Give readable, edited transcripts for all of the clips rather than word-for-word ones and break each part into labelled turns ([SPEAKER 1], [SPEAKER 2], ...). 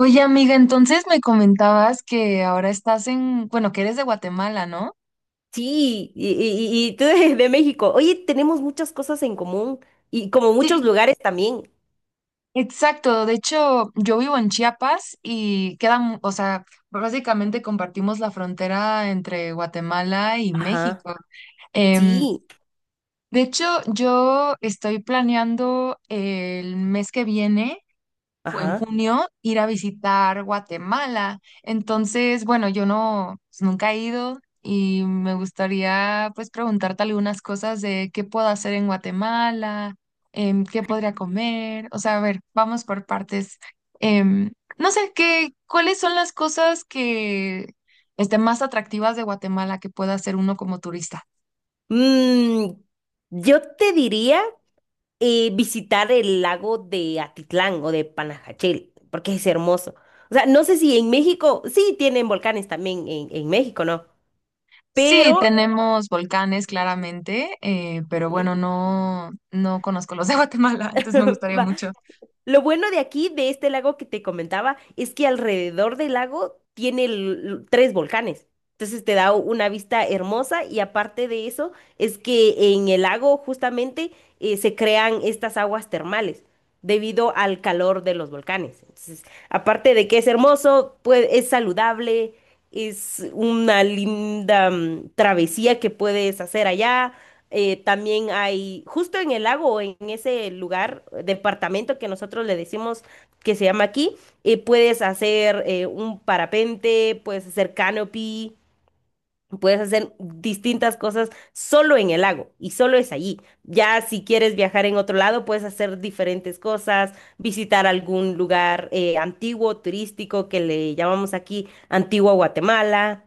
[SPEAKER 1] Oye, amiga, entonces me comentabas que ahora estás en, bueno, que eres de Guatemala, ¿no?
[SPEAKER 2] Sí, y tú de México. Oye, tenemos muchas cosas en común y como muchos
[SPEAKER 1] Sí.
[SPEAKER 2] lugares también.
[SPEAKER 1] Exacto, de hecho, yo vivo en Chiapas y queda, mu- o sea, básicamente compartimos la frontera entre Guatemala y
[SPEAKER 2] Ajá,
[SPEAKER 1] México. Em,
[SPEAKER 2] sí,
[SPEAKER 1] de hecho, yo estoy planeando el mes que viene. Fue en
[SPEAKER 2] ajá.
[SPEAKER 1] junio ir a visitar Guatemala. Entonces, bueno, yo no, pues, nunca he ido y me gustaría pues preguntarte algunas cosas de qué puedo hacer en Guatemala, qué podría comer. O sea, a ver, vamos por partes. Em, no sé, qué, ¿cuáles son las cosas que estén más atractivas de Guatemala que pueda hacer uno como turista?
[SPEAKER 2] Mm, yo te diría visitar el lago de Atitlán o de Panajachel, porque es hermoso. O sea, no sé si en México, sí tienen volcanes también en México, ¿no?
[SPEAKER 1] Sí,
[SPEAKER 2] Pero
[SPEAKER 1] tenemos volcanes claramente, pero bueno, no, no conozco los de Guatemala, entonces me gustaría
[SPEAKER 2] va,
[SPEAKER 1] mucho.
[SPEAKER 2] lo bueno de aquí, de este lago que te comentaba, es que alrededor del lago tiene tres volcanes. Entonces te da una vista hermosa y aparte de eso, es que en el lago justamente se crean estas aguas termales debido al calor de los volcanes. Entonces, aparte de que es hermoso, pues es saludable, es una linda travesía que puedes hacer allá. También hay, justo en el lago, o en ese lugar, departamento que nosotros le decimos que se llama aquí, puedes hacer un parapente, puedes hacer canopy, puedes hacer distintas cosas solo en el lago y solo es allí. Ya si quieres viajar en otro lado, puedes hacer diferentes cosas, visitar algún lugar antiguo, turístico, que le llamamos aquí Antigua Guatemala.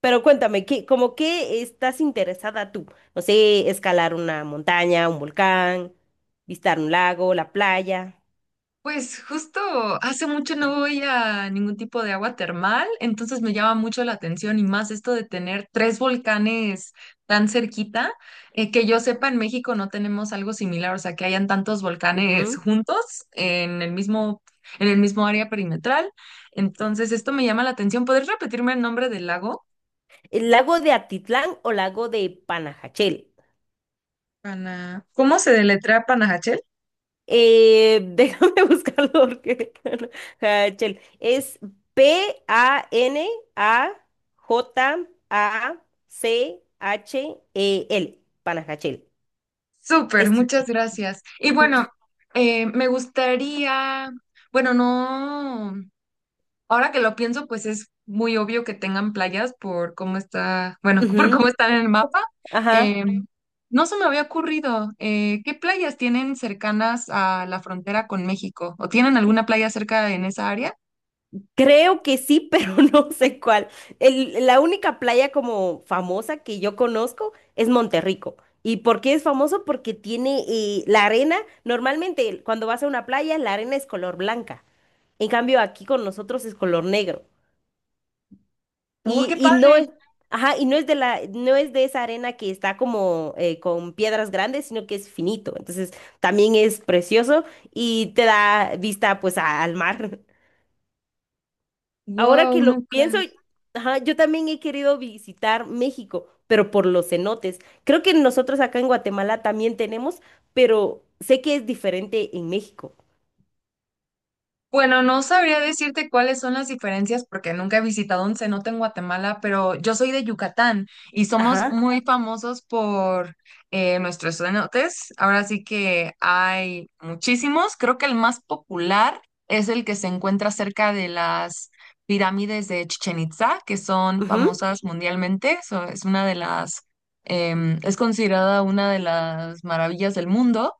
[SPEAKER 2] Pero cuéntame, ¿qué, como qué estás interesada tú? No sé, escalar una montaña, un volcán, visitar un lago, la playa.
[SPEAKER 1] Pues justo hace mucho no voy a ningún tipo de agua termal, entonces me llama mucho la atención y más esto de tener tres volcanes tan cerquita, que yo sepa en México no tenemos algo similar, o sea, que hayan tantos volcanes
[SPEAKER 2] Ujú.
[SPEAKER 1] juntos en el mismo, en el mismo área perimetral. Entonces esto me llama la atención. ¿Podrías repetirme el nombre del lago?
[SPEAKER 2] ¿El lago de Atitlán o lago de Panajachel?
[SPEAKER 1] Pana- ¿Cómo se deletrea Panajachel?
[SPEAKER 2] Déjame buscarlo porque... Hachel. Es Panajachel. Panajachel.
[SPEAKER 1] Súper,
[SPEAKER 2] Es...
[SPEAKER 1] muchas gracias. Y bueno, me gustaría, bueno, no, ahora que lo pienso, pues es muy obvio que tengan playas por cómo está, bueno, por cómo
[SPEAKER 2] Ujú,
[SPEAKER 1] están en el mapa.
[SPEAKER 2] ajá.
[SPEAKER 1] Eh, no se me había ocurrido, ¿qué playas tienen cercanas a la frontera con México? ¿O tienen alguna playa cerca en esa área?
[SPEAKER 2] Creo que sí, pero no sé cuál. La única playa como famosa que yo conozco es Monterrico. ¿Y por qué es famoso? Porque tiene la arena. Normalmente cuando vas a una playa, la arena es color blanca. En cambio, aquí con nosotros es color negro.
[SPEAKER 1] Oh,
[SPEAKER 2] Y,
[SPEAKER 1] qué
[SPEAKER 2] y no
[SPEAKER 1] padre.
[SPEAKER 2] es, ajá, y no es de la, no es de esa arena que está como con piedras grandes, sino que es finito. Entonces también es precioso y te da vista pues al mar. Ahora que
[SPEAKER 1] Wow,
[SPEAKER 2] lo pienso,
[SPEAKER 1] nunca.
[SPEAKER 2] ajá, yo también he querido visitar México, pero por los cenotes. Creo que nosotros acá en Guatemala también tenemos, pero sé que es diferente en México.
[SPEAKER 1] Bueno, no sabría decirte cuáles son las diferencias porque nunca he visitado un cenote en Guatemala, pero yo soy de Yucatán y somos
[SPEAKER 2] Ajá.
[SPEAKER 1] muy famosos por nuestros cenotes. Ahora sí que hay muchísimos. Creo que el más popular es el que se encuentra cerca de las pirámides de Chichen Itza, que son
[SPEAKER 2] Ujú,
[SPEAKER 1] famosas mundialmente. So, es una de las, es considerada una de las maravillas del mundo.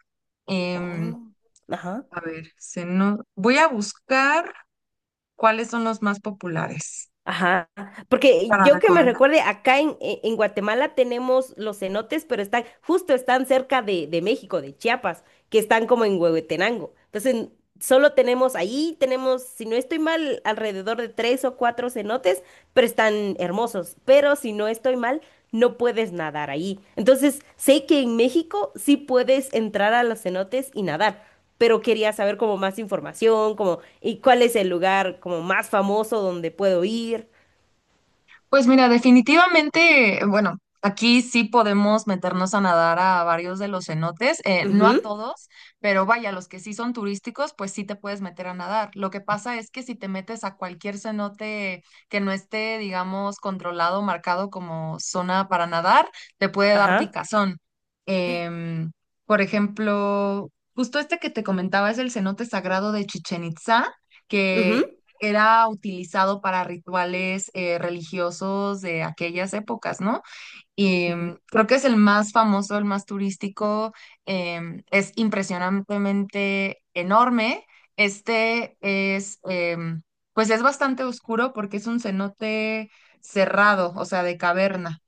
[SPEAKER 1] Em,
[SPEAKER 2] oh, ajá.
[SPEAKER 1] a ver, se no... voy a buscar cuáles son los más populares
[SPEAKER 2] Ajá, porque
[SPEAKER 1] para
[SPEAKER 2] yo que me
[SPEAKER 1] recomendar.
[SPEAKER 2] recuerde, en Guatemala tenemos los cenotes, pero están, justo están cerca de México, de Chiapas, que están como en Huehuetenango. Entonces, solo tenemos ahí, tenemos, si no estoy mal, alrededor de tres o cuatro cenotes, pero están hermosos. Pero si no estoy mal, no puedes nadar ahí. Entonces, sé que en México sí puedes entrar a los cenotes y nadar, pero quería saber como más información, como y cuál es el lugar como más famoso donde puedo ir.
[SPEAKER 1] Pues mira, definitivamente, bueno, aquí sí podemos meternos a nadar a varios de los cenotes, no a
[SPEAKER 2] Ujú,
[SPEAKER 1] todos, pero vaya, los que sí son turísticos, pues sí te puedes meter a nadar. Lo que pasa es que si te metes a cualquier cenote que no esté, digamos, controlado, marcado como zona para nadar, te puede dar
[SPEAKER 2] ajá.
[SPEAKER 1] picazón. Em, por ejemplo, justo este que te comentaba es el cenote sagrado de Chichen Itzá
[SPEAKER 2] Ujú,
[SPEAKER 1] que era utilizado para rituales religiosos de aquellas épocas, ¿no? Y
[SPEAKER 2] ujú.
[SPEAKER 1] mm, creo que es el más famoso, el más turístico, es impresionantemente enorme. Este es, pues es bastante oscuro porque es un cenote cerrado, o sea, de caverna.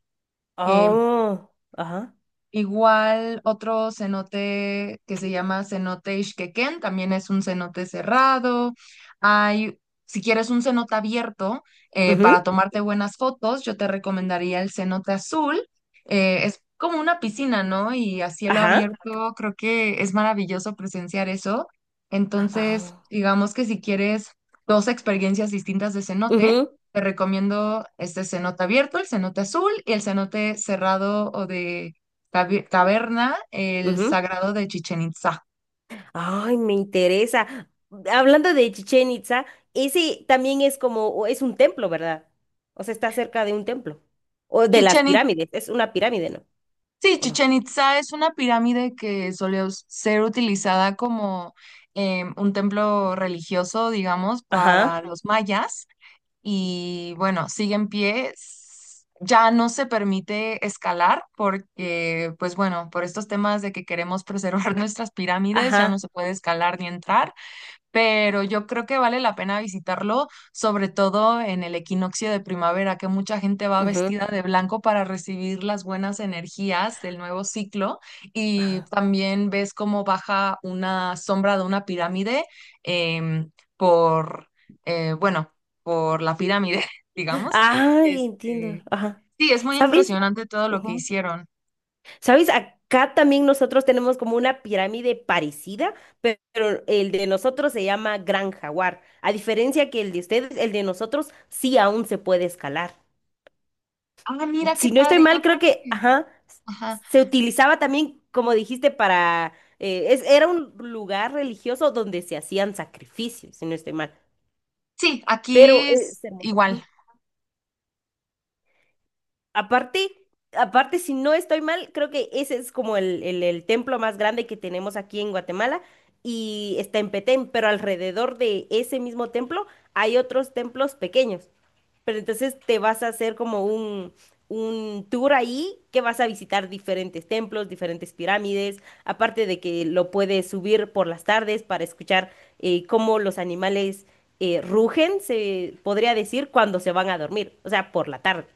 [SPEAKER 1] Em,
[SPEAKER 2] Oh, ajá.
[SPEAKER 1] Igual otro cenote que se llama cenote Ixquequén, también es un cenote cerrado. Hay, si quieres un cenote abierto
[SPEAKER 2] Ujú,
[SPEAKER 1] para tomarte buenas fotos, yo te recomendaría el cenote azul. Es como una piscina, ¿no? Y a cielo
[SPEAKER 2] ajá.
[SPEAKER 1] abierto creo que es maravilloso presenciar eso. Entonces,
[SPEAKER 2] Ah,
[SPEAKER 1] digamos que si quieres dos experiencias distintas de cenote,
[SPEAKER 2] ujú,
[SPEAKER 1] te recomiendo este cenote abierto, el cenote azul y el cenote cerrado o de tabi- Taberna, el
[SPEAKER 2] ujú.
[SPEAKER 1] Sagrado de Chichen Itzá.
[SPEAKER 2] Ay, me interesa. Hablando de Chichén Itzá, ese también es como, o es un templo, ¿verdad? O sea, está cerca de un templo. O de las
[SPEAKER 1] Chichen Itzá,
[SPEAKER 2] pirámides, es una pirámide, ¿no?
[SPEAKER 1] sí,
[SPEAKER 2] ¿O no?
[SPEAKER 1] Chichen Itzá es una pirámide que solía us- ser utilizada como un templo religioso, digamos, para
[SPEAKER 2] Ajá,
[SPEAKER 1] los mayas. Y bueno, sigue en pie. S- Ya no se permite escalar porque, pues bueno, por estos temas de que queremos preservar nuestras pirámides, ya no
[SPEAKER 2] ajá,
[SPEAKER 1] se puede escalar ni entrar. Pero yo creo que vale la pena visitarlo, sobre todo en el equinoccio de primavera, que mucha gente va
[SPEAKER 2] ujú,
[SPEAKER 1] vestida de blanco para recibir las buenas energías del nuevo ciclo y
[SPEAKER 2] ajá.
[SPEAKER 1] también ves cómo baja una sombra de una pirámide em, por, bueno, por la pirámide, digamos.
[SPEAKER 2] Ay, entiendo,
[SPEAKER 1] Este,
[SPEAKER 2] ajá.
[SPEAKER 1] sí, es muy
[SPEAKER 2] ¿Sabes?
[SPEAKER 1] impresionante todo lo que
[SPEAKER 2] Ujú.
[SPEAKER 1] hicieron.
[SPEAKER 2] ¿Sabes? Acá también nosotros tenemos como una pirámide parecida, pero el de nosotros se llama Gran Jaguar. A diferencia que el de ustedes, el de nosotros sí aún se puede escalar.
[SPEAKER 1] Ah, mira qué
[SPEAKER 2] Si no estoy
[SPEAKER 1] padre,
[SPEAKER 2] mal,
[SPEAKER 1] yo
[SPEAKER 2] creo
[SPEAKER 1] creo
[SPEAKER 2] que,
[SPEAKER 1] que...
[SPEAKER 2] ajá,
[SPEAKER 1] Ajá.
[SPEAKER 2] se utilizaba también, como dijiste, para, era un lugar religioso donde se hacían sacrificios, si no estoy mal,
[SPEAKER 1] Sí,
[SPEAKER 2] pero
[SPEAKER 1] aquí es
[SPEAKER 2] es hermoso.
[SPEAKER 1] igual.
[SPEAKER 2] Ujú. Aparte, aparte, si no estoy mal, creo que ese es como el templo más grande que tenemos aquí en Guatemala y está en Petén, pero alrededor de ese mismo templo hay otros templos pequeños. Pero entonces te vas a hacer como un tour ahí que vas a visitar diferentes templos, diferentes pirámides, aparte de que lo puedes subir por las tardes para escuchar cómo los animales rugen, se podría decir, cuando se van a dormir, o sea, por la tarde.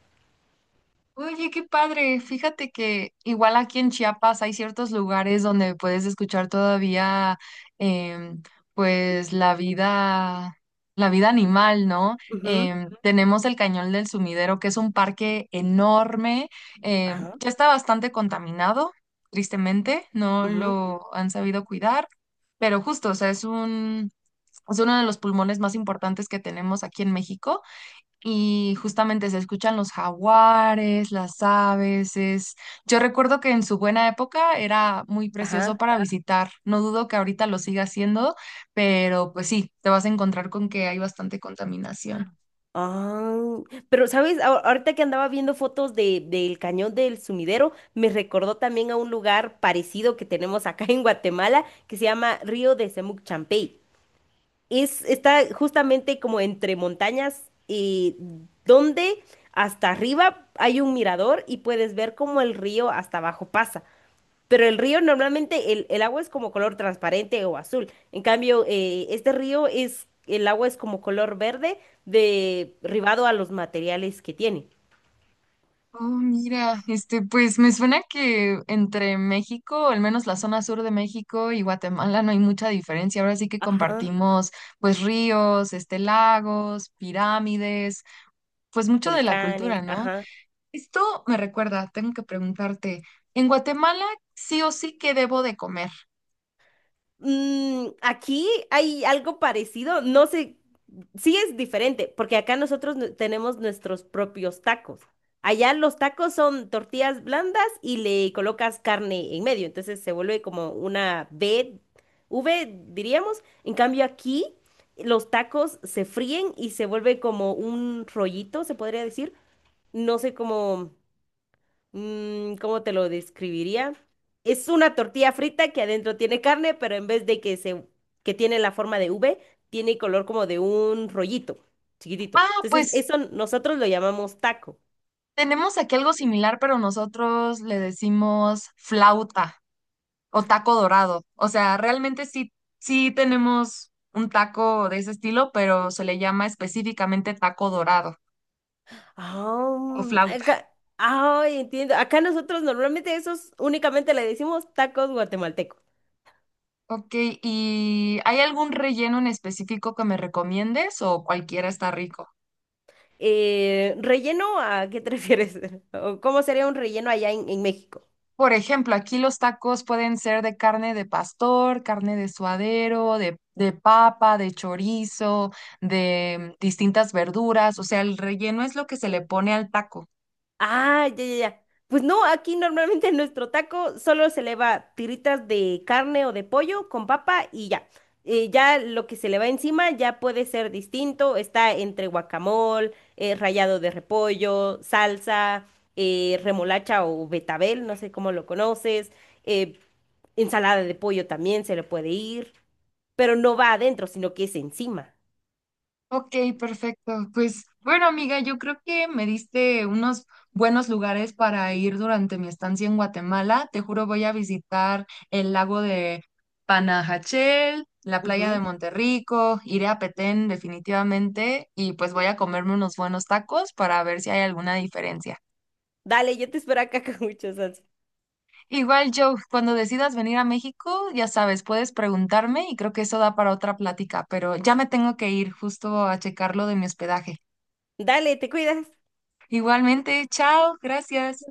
[SPEAKER 1] Oye, qué padre. Fíjate que igual aquí en Chiapas hay ciertos lugares donde puedes escuchar todavía, em, pues la vida animal, ¿no?
[SPEAKER 2] Ujú.
[SPEAKER 1] Tenemos el Cañón del Sumidero, que es un parque enorme,
[SPEAKER 2] Ajá,
[SPEAKER 1] ya está bastante contaminado, tristemente, no
[SPEAKER 2] ujú,
[SPEAKER 1] lo han sabido cuidar, pero justo, o sea, es un, es uno de los pulmones más importantes que tenemos aquí en México y justamente se escuchan los jaguares, las aves. Es- yo recuerdo que en su buena época era muy precioso
[SPEAKER 2] ajá.
[SPEAKER 1] para visitar. No dudo que ahorita lo siga haciendo, pero pues sí, te vas a encontrar con que hay bastante contaminación.
[SPEAKER 2] Ah, pero sabes, ahorita que andaba viendo fotos de, del cañón del Sumidero, me recordó también a un lugar parecido que tenemos acá en Guatemala, que se llama Río de Semuc Champey. Es, está justamente como entre montañas, donde hasta arriba hay un mirador y puedes ver cómo el río hasta abajo pasa. Pero el río normalmente el agua es como color transparente o azul. En cambio, este río es, el agua es como color verde derivado a los materiales que tiene.
[SPEAKER 1] Oh, mira, este, pues me suena que entre México, al menos la zona sur de México y Guatemala no hay mucha diferencia. Ahora sí que
[SPEAKER 2] Ah,
[SPEAKER 1] compartimos pues ríos, este, lagos, pirámides, pues mucho de la
[SPEAKER 2] volcanes,
[SPEAKER 1] cultura, ¿no?
[SPEAKER 2] ajá.
[SPEAKER 1] Esto me recuerda, tengo que preguntarte, ¿en Guatemala sí o sí qué debo de comer?
[SPEAKER 2] Aquí hay algo parecido, no sé, sí es diferente, porque tenemos nuestros propios tacos. Allá los tacos son tortillas blandas y le colocas carne en medio, entonces se vuelve como una V, V diríamos. En cambio aquí los tacos se fríen y se vuelve como un rollito, se podría decir. No sé cómo ¿cómo te lo describiría? Es una tortilla frita que adentro tiene carne, pero en vez de que se, que tiene la forma de V, tiene color como de un rollito, chiquitito.
[SPEAKER 1] Ah,
[SPEAKER 2] Entonces,
[SPEAKER 1] pues
[SPEAKER 2] eso nosotros lo llamamos taco.
[SPEAKER 1] tenemos aquí algo similar, pero nosotros le decimos flauta o taco dorado. O sea, realmente sí, sí tenemos un taco de ese estilo, pero se le llama específicamente taco dorado o
[SPEAKER 2] Ah,
[SPEAKER 1] flauta.
[SPEAKER 2] acá, ay, entiendo. Acá nosotros normalmente esos únicamente le decimos tacos guatemaltecos.
[SPEAKER 1] Ok, ¿y hay algún relleno en específico que me recomiendes o cualquiera está rico?
[SPEAKER 2] ¿Relleno a qué te refieres? ¿O cómo sería un relleno allá en México?
[SPEAKER 1] Por ejemplo, aquí los tacos pueden ser de carne de pastor, carne de suadero, de papa, de chorizo, de mm, distintas verduras. O sea, el relleno es lo que se le pone al taco.
[SPEAKER 2] Ah, ya, ya, ya. Pues no, aquí normalmente nuestro taco solo se le va tiritas de carne o de pollo con papa y ya. Ya lo que se le va encima ya puede ser distinto. Está entre guacamole, rallado de repollo, salsa, remolacha o betabel, no sé cómo lo conoces. eh, ensalada de pollo también se le puede ir, pero no va adentro, sino que es encima.
[SPEAKER 1] Ok, perfecto. Pues bueno, amiga, yo creo que me diste unos buenos lugares para ir durante mi estancia en Guatemala. Te juro, voy a visitar el lago de Panajachel, la playa de
[SPEAKER 2] Ujú.
[SPEAKER 1] Monterrico, iré a Petén definitivamente y pues voy a comerme unos buenos tacos para ver si hay alguna diferencia.
[SPEAKER 2] Dale, yo te espero acá con mucho salsa.
[SPEAKER 1] Igual, Joe, cuando decidas venir a México, ya sabes, puedes preguntarme y creo que eso da para otra plática, pero ya me tengo que ir justo a checar lo de mi hospedaje.
[SPEAKER 2] Dale, te cuidas.
[SPEAKER 1] Igualmente, chao, gracias.